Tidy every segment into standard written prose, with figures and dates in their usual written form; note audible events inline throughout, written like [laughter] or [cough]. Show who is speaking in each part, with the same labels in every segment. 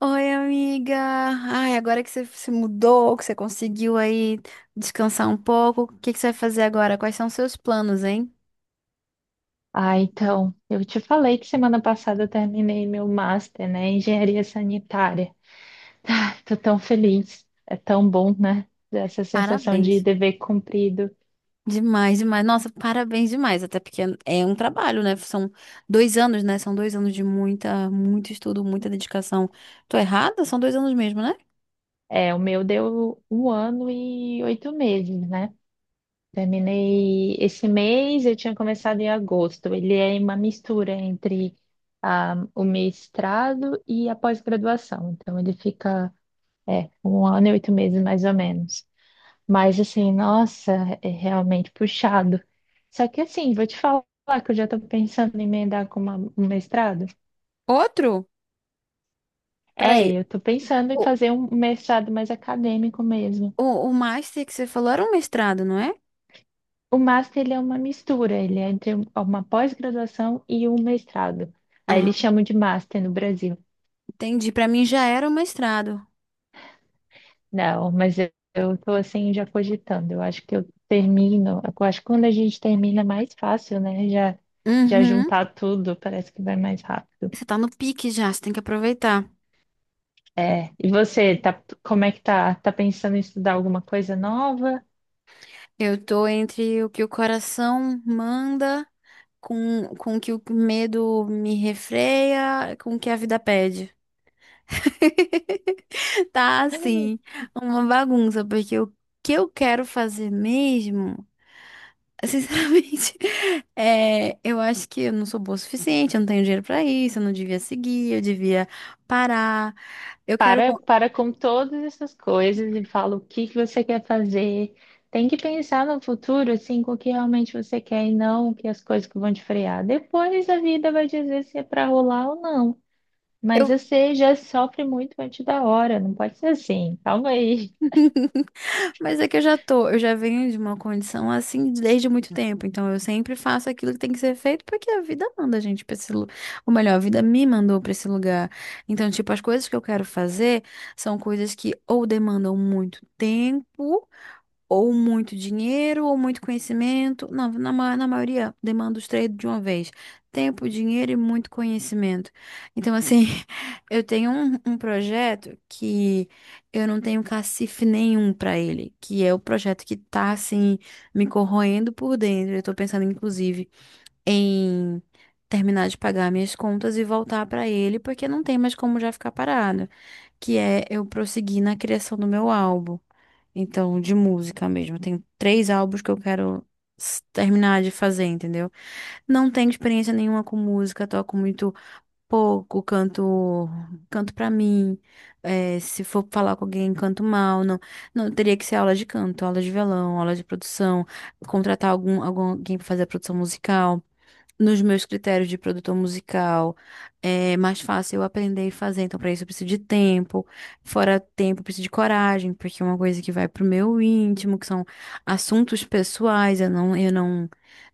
Speaker 1: Oi, amiga. Ai, agora que você se mudou, que você conseguiu aí descansar um pouco, o que que você vai fazer agora? Quais são os seus planos, hein?
Speaker 2: Ah, então, eu te falei que semana passada eu terminei meu master, né, em engenharia sanitária. [laughs] Ah, tô tão feliz. É tão bom, né? Essa sensação de
Speaker 1: Parabéns.
Speaker 2: dever cumprido.
Speaker 1: Demais, demais. Nossa, parabéns demais. Até porque é um trabalho, né? São dois anos, né? São dois anos de muito estudo, muita dedicação. Tô errada? São dois anos mesmo, né?
Speaker 2: É, o meu deu 1 ano e 8 meses, né? Terminei esse mês, eu tinha começado em agosto. Ele é uma mistura entre o mestrado e a pós-graduação. Então, ele fica, 1 ano e 8 meses mais ou menos. Mas assim, nossa, é realmente puxado. Só que assim, vou te falar que eu já estou pensando em emendar com um mestrado.
Speaker 1: Outro?
Speaker 2: É,
Speaker 1: Peraí.
Speaker 2: eu estou pensando em
Speaker 1: O,
Speaker 2: fazer um mestrado mais acadêmico mesmo.
Speaker 1: o, o master que você falou era um mestrado, não é?
Speaker 2: O master, ele é uma mistura, ele é entre uma pós-graduação e um mestrado. Aí
Speaker 1: Ah,
Speaker 2: eles chamam de master no Brasil.
Speaker 1: entendi. Pra mim já era um mestrado.
Speaker 2: Não, mas eu estou assim já cogitando. Eu acho que eu termino, eu acho que quando a gente termina é mais fácil, né? Já, já
Speaker 1: Uhum.
Speaker 2: juntar tudo, parece que vai mais rápido.
Speaker 1: Você tá no pique já, você tem que aproveitar.
Speaker 2: É, e você, tá, como é que tá? Tá pensando em estudar alguma coisa nova?
Speaker 1: Eu tô entre o que o coração manda com o que o medo me refreia, com o que a vida pede. [laughs] Tá assim, uma bagunça, porque o que eu quero fazer mesmo, sinceramente, [laughs] é, eu acho que eu não sou boa o suficiente, eu não tenho dinheiro pra isso, eu não devia seguir, eu devia parar. Eu quero.
Speaker 2: Para, para com todas essas coisas e fala o que que você quer fazer. Tem que pensar no futuro, assim, com o que realmente você quer e não que as coisas que vão te frear. Depois a vida vai dizer se é para rolar ou não. Mas
Speaker 1: Eu...
Speaker 2: você já sofre muito antes da hora, não pode ser assim. Calma aí.
Speaker 1: [laughs] Mas é que eu já venho de uma condição assim desde muito tempo. Então eu sempre faço aquilo que tem que ser feito porque a vida manda a gente pra esse lugar. Ou melhor, a vida me mandou pra esse lugar. Então, tipo, as coisas que eu quero fazer são coisas que ou demandam muito tempo ou muito dinheiro, ou muito conhecimento. Não, na maioria demanda os três de uma vez. Tempo, dinheiro e muito conhecimento. Então, assim, [laughs] eu tenho um projeto que eu não tenho cacife nenhum para ele, que é o projeto que tá, assim, me corroendo por dentro. Eu tô pensando, inclusive, em terminar de pagar minhas contas e voltar para ele, porque não tem mais como já ficar parado, que é eu prosseguir na criação do meu álbum. Então, de música mesmo. Eu tenho três álbuns que eu quero terminar de fazer, entendeu? Não tenho experiência nenhuma com música, toco muito pouco, canto, canto pra mim. É, se for falar com alguém, canto mal. Não, não teria que ser aula de canto, aula de violão, aula de produção, contratar algum alguém pra fazer a produção musical nos meus critérios de produtor musical, é mais fácil eu aprender e fazer. Então, para isso, eu preciso de tempo. Fora tempo, eu preciso de coragem, porque é uma coisa que vai pro meu íntimo, que são assuntos pessoais. Eu não,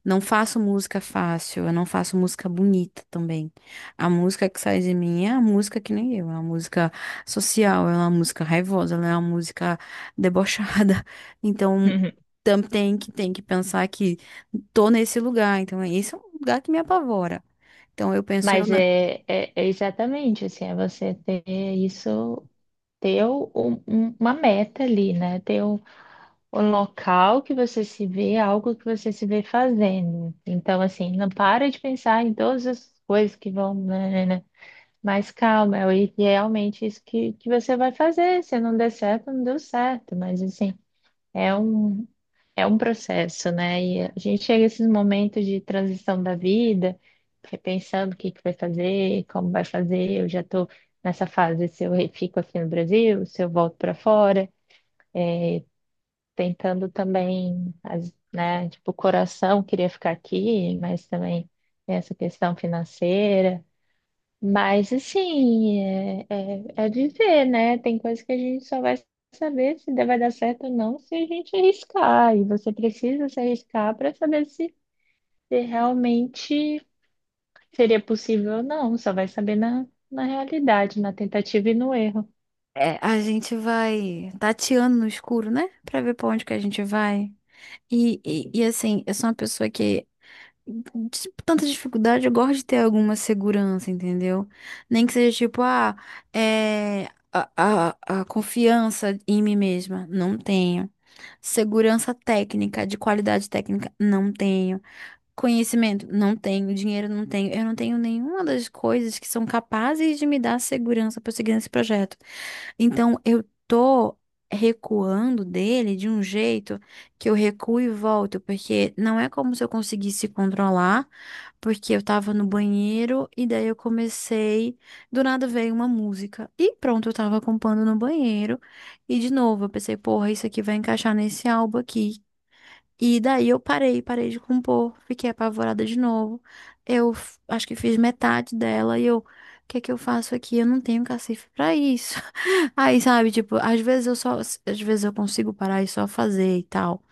Speaker 1: não faço música fácil, eu não faço música bonita também. A música que sai de mim é a música que nem eu, é uma música social, ela é uma música raivosa, ela é uma música debochada. [laughs] Então,
Speaker 2: [laughs]
Speaker 1: tem que pensar que tô nesse lugar, então esse é um lugar que me apavora. Então eu penso, eu
Speaker 2: Mas
Speaker 1: não.
Speaker 2: é exatamente assim, é você ter isso, ter uma meta ali, né? Ter um o local que você se vê, algo que você se vê fazendo. Então, assim, não para de pensar em todas as coisas que vão, né. Mas calma, realmente isso que você vai fazer. Se não der certo, não deu certo. Mas, assim, é um. É um processo, né? E a gente chega a esses momentos de transição da vida, repensando o que que vai fazer, como vai fazer. Eu já estou nessa fase, se eu fico aqui no Brasil, se eu volto para fora, tentando também, né? Tipo, o coração queria ficar aqui, mas também tem essa questão financeira. Mas assim, é de ver, né? Tem coisa que a gente só vai saber se vai dar certo ou não se a gente arriscar. E você precisa se arriscar para saber se, se realmente seria possível ou não. Só vai saber na, na realidade, na tentativa e no erro.
Speaker 1: É, a gente vai tateando no escuro, né? Pra ver pra onde que a gente vai. E, assim, eu sou uma pessoa que, de tanta dificuldade, eu gosto de ter alguma segurança, entendeu? Nem que seja tipo, ah, é. A confiança em mim mesma, não tenho. Segurança técnica, de qualidade técnica, não tenho. Conhecimento, não tenho, dinheiro não tenho, eu não tenho nenhuma das coisas que são capazes de me dar segurança para seguir nesse projeto. Então, eu tô recuando dele de um jeito que eu recuo e volto, porque não é como se eu conseguisse controlar, porque eu tava no banheiro e daí eu comecei, do nada veio uma música e pronto, eu tava compondo no banheiro e de novo eu pensei, porra, isso aqui vai encaixar nesse álbum aqui e daí eu parei, parei de compor, fiquei apavorada de novo. Eu acho que fiz metade dela e eu, o que é que eu faço aqui? Eu não tenho cacife pra isso. [laughs] Aí, sabe, tipo, às vezes eu consigo parar e só fazer e tal.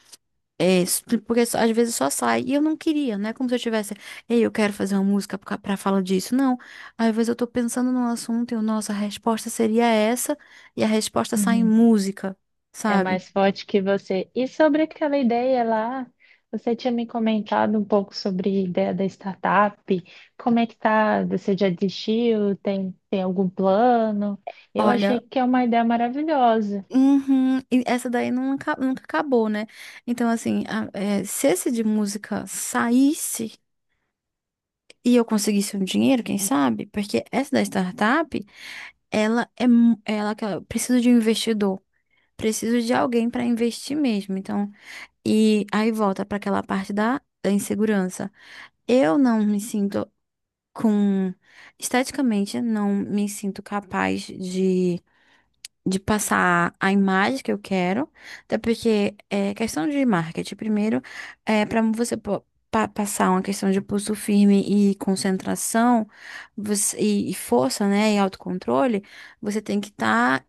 Speaker 1: É, porque às vezes só sai. E eu não queria, né? Como se eu tivesse, ei, eu quero fazer uma música pra falar disso. Não. Às vezes eu tô pensando num assunto e eu, nossa, a resposta seria essa, e a resposta sai em
Speaker 2: Uhum.
Speaker 1: música,
Speaker 2: É
Speaker 1: sabe?
Speaker 2: mais forte que você. E sobre aquela ideia lá, você tinha me comentado um pouco sobre a ideia da startup. Como é que tá? Você já desistiu? Tem, tem algum plano? Eu achei
Speaker 1: Olha,
Speaker 2: que é uma ideia maravilhosa,
Speaker 1: uhum, e essa daí nunca acabou, né? Então, assim, é, se esse de música saísse e eu conseguisse um dinheiro, quem sabe? Porque essa da startup, ela é mu- ela que ela- precisa de um investidor, preciso de alguém para investir mesmo. Então, e aí volta para aquela parte da, insegurança. Eu não me sinto com, esteticamente não me sinto capaz de passar a imagem que eu quero, até porque é questão de marketing. Primeiro, é, para você passar uma questão de pulso firme e concentração e força, né, e autocontrole, você tem que estar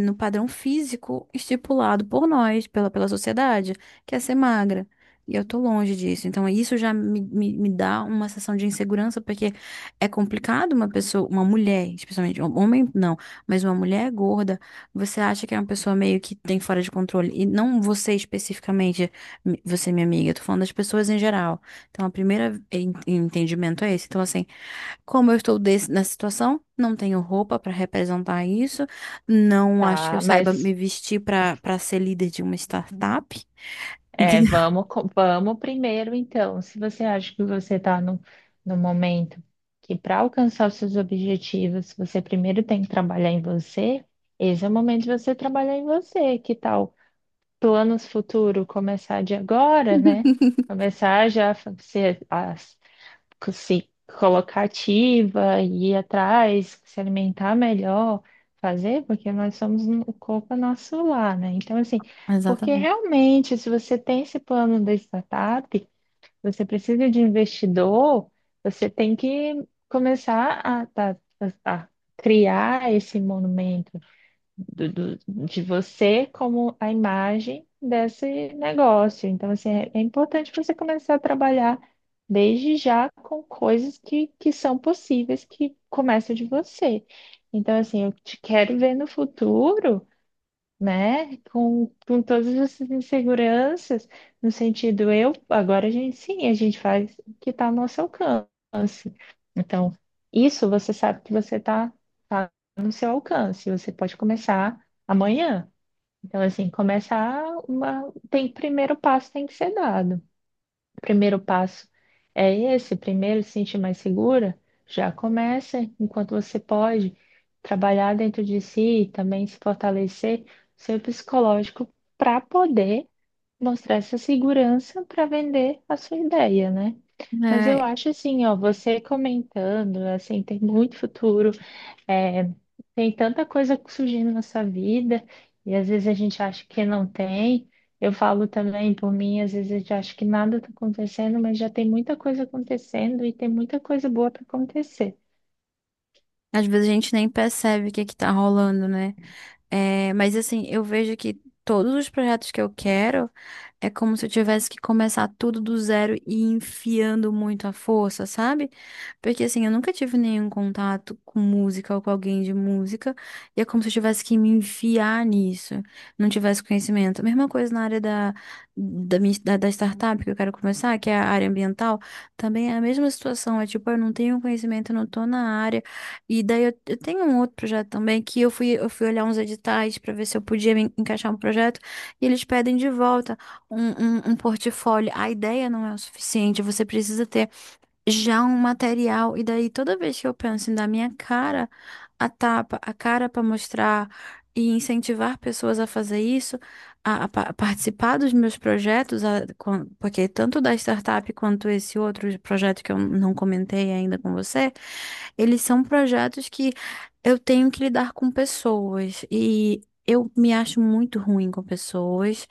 Speaker 1: no padrão físico estipulado por nós, pela sociedade, que é ser magra. E eu tô longe disso. Então, isso já me dá uma sensação de insegurança, porque é complicado uma pessoa, uma mulher, especialmente, um homem não, mas uma mulher gorda você acha que é uma pessoa meio que tem fora de controle? E não você especificamente, você, minha amiga, eu tô falando das pessoas em geral. Então, a primeira entendimento é esse. Então, assim, como eu estou nessa situação, não tenho roupa pra representar isso, não acho que eu
Speaker 2: tá?
Speaker 1: saiba me
Speaker 2: Mas
Speaker 1: vestir pra para ser líder de uma startup,
Speaker 2: é,
Speaker 1: entendeu?
Speaker 2: vamos, vamos primeiro, então. Se você acha que você está no, no momento que para alcançar os seus objetivos, você primeiro tem que trabalhar em você, esse é o momento de você trabalhar em você. Que tal planos futuro começar de agora, né?
Speaker 1: [laughs]
Speaker 2: Começar já a fa- se, a co- se colocar ativa, ir atrás, se alimentar melhor, fazer, porque nós somos o corpo é nosso lar, né? Então, assim, porque
Speaker 1: Exatamente.
Speaker 2: realmente, se você tem esse plano da startup, você precisa de investidor, você tem que começar a criar esse monumento do- de você como a imagem desse negócio. Então, assim, é importante você começar a trabalhar desde já com coisas que são possíveis, que começam de você. Então, assim, eu te quero ver no futuro, né? Com todas essas inseguranças, no sentido, eu, agora a gente sim, a gente faz o que está ao nosso alcance. Então, isso você sabe que você está, tá tá no seu alcance, você pode começar amanhã. Então, assim, começar uma, tem primeiro passo tem que ser dado. O primeiro passo é esse, primeiro se sentir mais segura, já começa enquanto você pode trabalhar dentro de si e também se fortalecer seu psicológico para poder mostrar essa segurança para vender a sua ideia, né? Mas eu
Speaker 1: É,
Speaker 2: acho assim, ó, você comentando, assim, tem muito futuro. É, tem tanta coisa surgindo na sua vida e às vezes a gente acha que não tem. Eu falo também por mim, às vezes a gente acha que nada está acontecendo, mas já tem muita coisa acontecendo e tem muita coisa boa para acontecer.
Speaker 1: às vezes a gente nem percebe o que que tá rolando, né? É, mas assim, eu vejo que todos os projetos que eu quero é como se eu tivesse que começar tudo do zero e enfiando muito a força, sabe? Porque assim, eu nunca tive nenhum contato com música ou com alguém de música, e é como se eu tivesse que me enfiar nisso, não tivesse conhecimento. Mesma coisa na área da startup que eu quero começar, que é a área ambiental, também é a mesma situação, é tipo, eu não tenho conhecimento, eu não tô na área. E daí eu tenho um outro projeto também que eu fui olhar uns editais para ver se eu podia me encaixar um projeto e eles pedem de volta um portfólio. A ideia não é o suficiente, você precisa ter já um material. E daí, toda vez que eu penso em dar minha cara a tapa, a cara para mostrar e incentivar pessoas a fazer isso, a participar dos meus projetos, porque tanto da startup quanto esse outro projeto que eu não comentei ainda com você, eles são projetos que eu tenho que lidar com pessoas e eu me acho muito ruim com pessoas.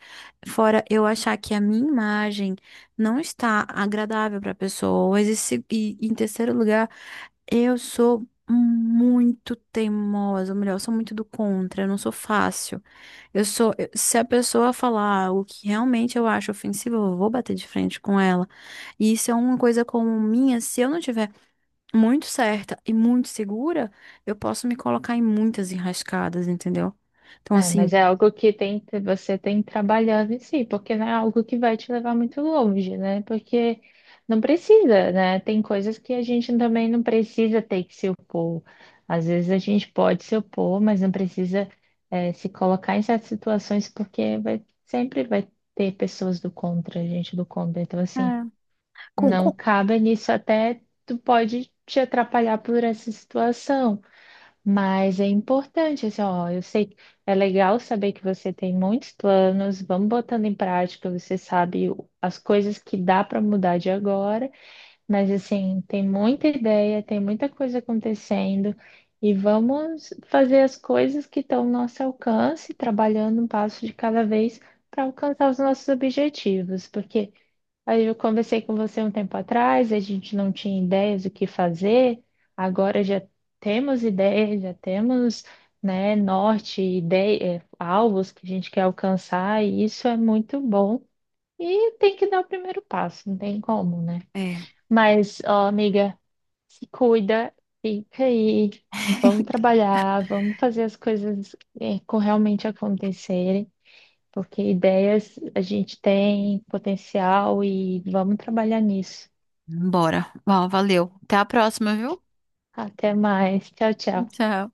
Speaker 1: Fora eu achar que a minha imagem não está agradável para pessoas. E, se- e em terceiro lugar, eu sou muito teimosa, ou melhor, eu sou muito do contra, eu não sou fácil. Se a pessoa falar algo que realmente eu acho ofensivo, eu vou bater de frente com ela. E isso é uma coisa como minha, se eu não tiver muito certa e muito segura, eu posso me colocar em muitas enrascadas, entendeu? Então,
Speaker 2: É, mas
Speaker 1: assim,
Speaker 2: é algo que tem, você tem que trabalhar em si, porque não é algo que vai te levar muito longe, né? Porque não precisa, né? Tem coisas que a gente também não precisa ter que se opor. Às vezes a gente pode se opor, mas não precisa, se colocar em certas situações, porque vai, sempre vai ter pessoas do contra, gente do contra. Então,
Speaker 1: é.
Speaker 2: assim,
Speaker 1: com,
Speaker 2: não
Speaker 1: com...
Speaker 2: cabe nisso, até tu pode te atrapalhar por essa situação. Mas é importante, assim, ó, eu sei, é legal saber que você tem muitos planos, vamos botando em prática, você sabe as coisas que dá para mudar de agora, mas assim, tem muita ideia, tem muita coisa acontecendo e vamos fazer as coisas que estão ao nosso alcance, trabalhando um passo de cada vez para alcançar os nossos objetivos, porque aí eu conversei com você um tempo atrás, a gente não tinha ideias do que fazer, agora já temos ideias, já temos, né, norte, ideia, alvos que a gente quer alcançar, e isso é muito bom. E tem que dar o primeiro passo, não tem como, né?
Speaker 1: É,
Speaker 2: Mas, ó, amiga, se cuida, fica aí, vamos
Speaker 1: [laughs]
Speaker 2: trabalhar, vamos fazer as coisas, realmente acontecerem. Porque ideias a gente tem potencial e vamos trabalhar nisso.
Speaker 1: bora. Ó, valeu. Até a próxima, viu?
Speaker 2: Até mais. Tchau, tchau.
Speaker 1: Tchau.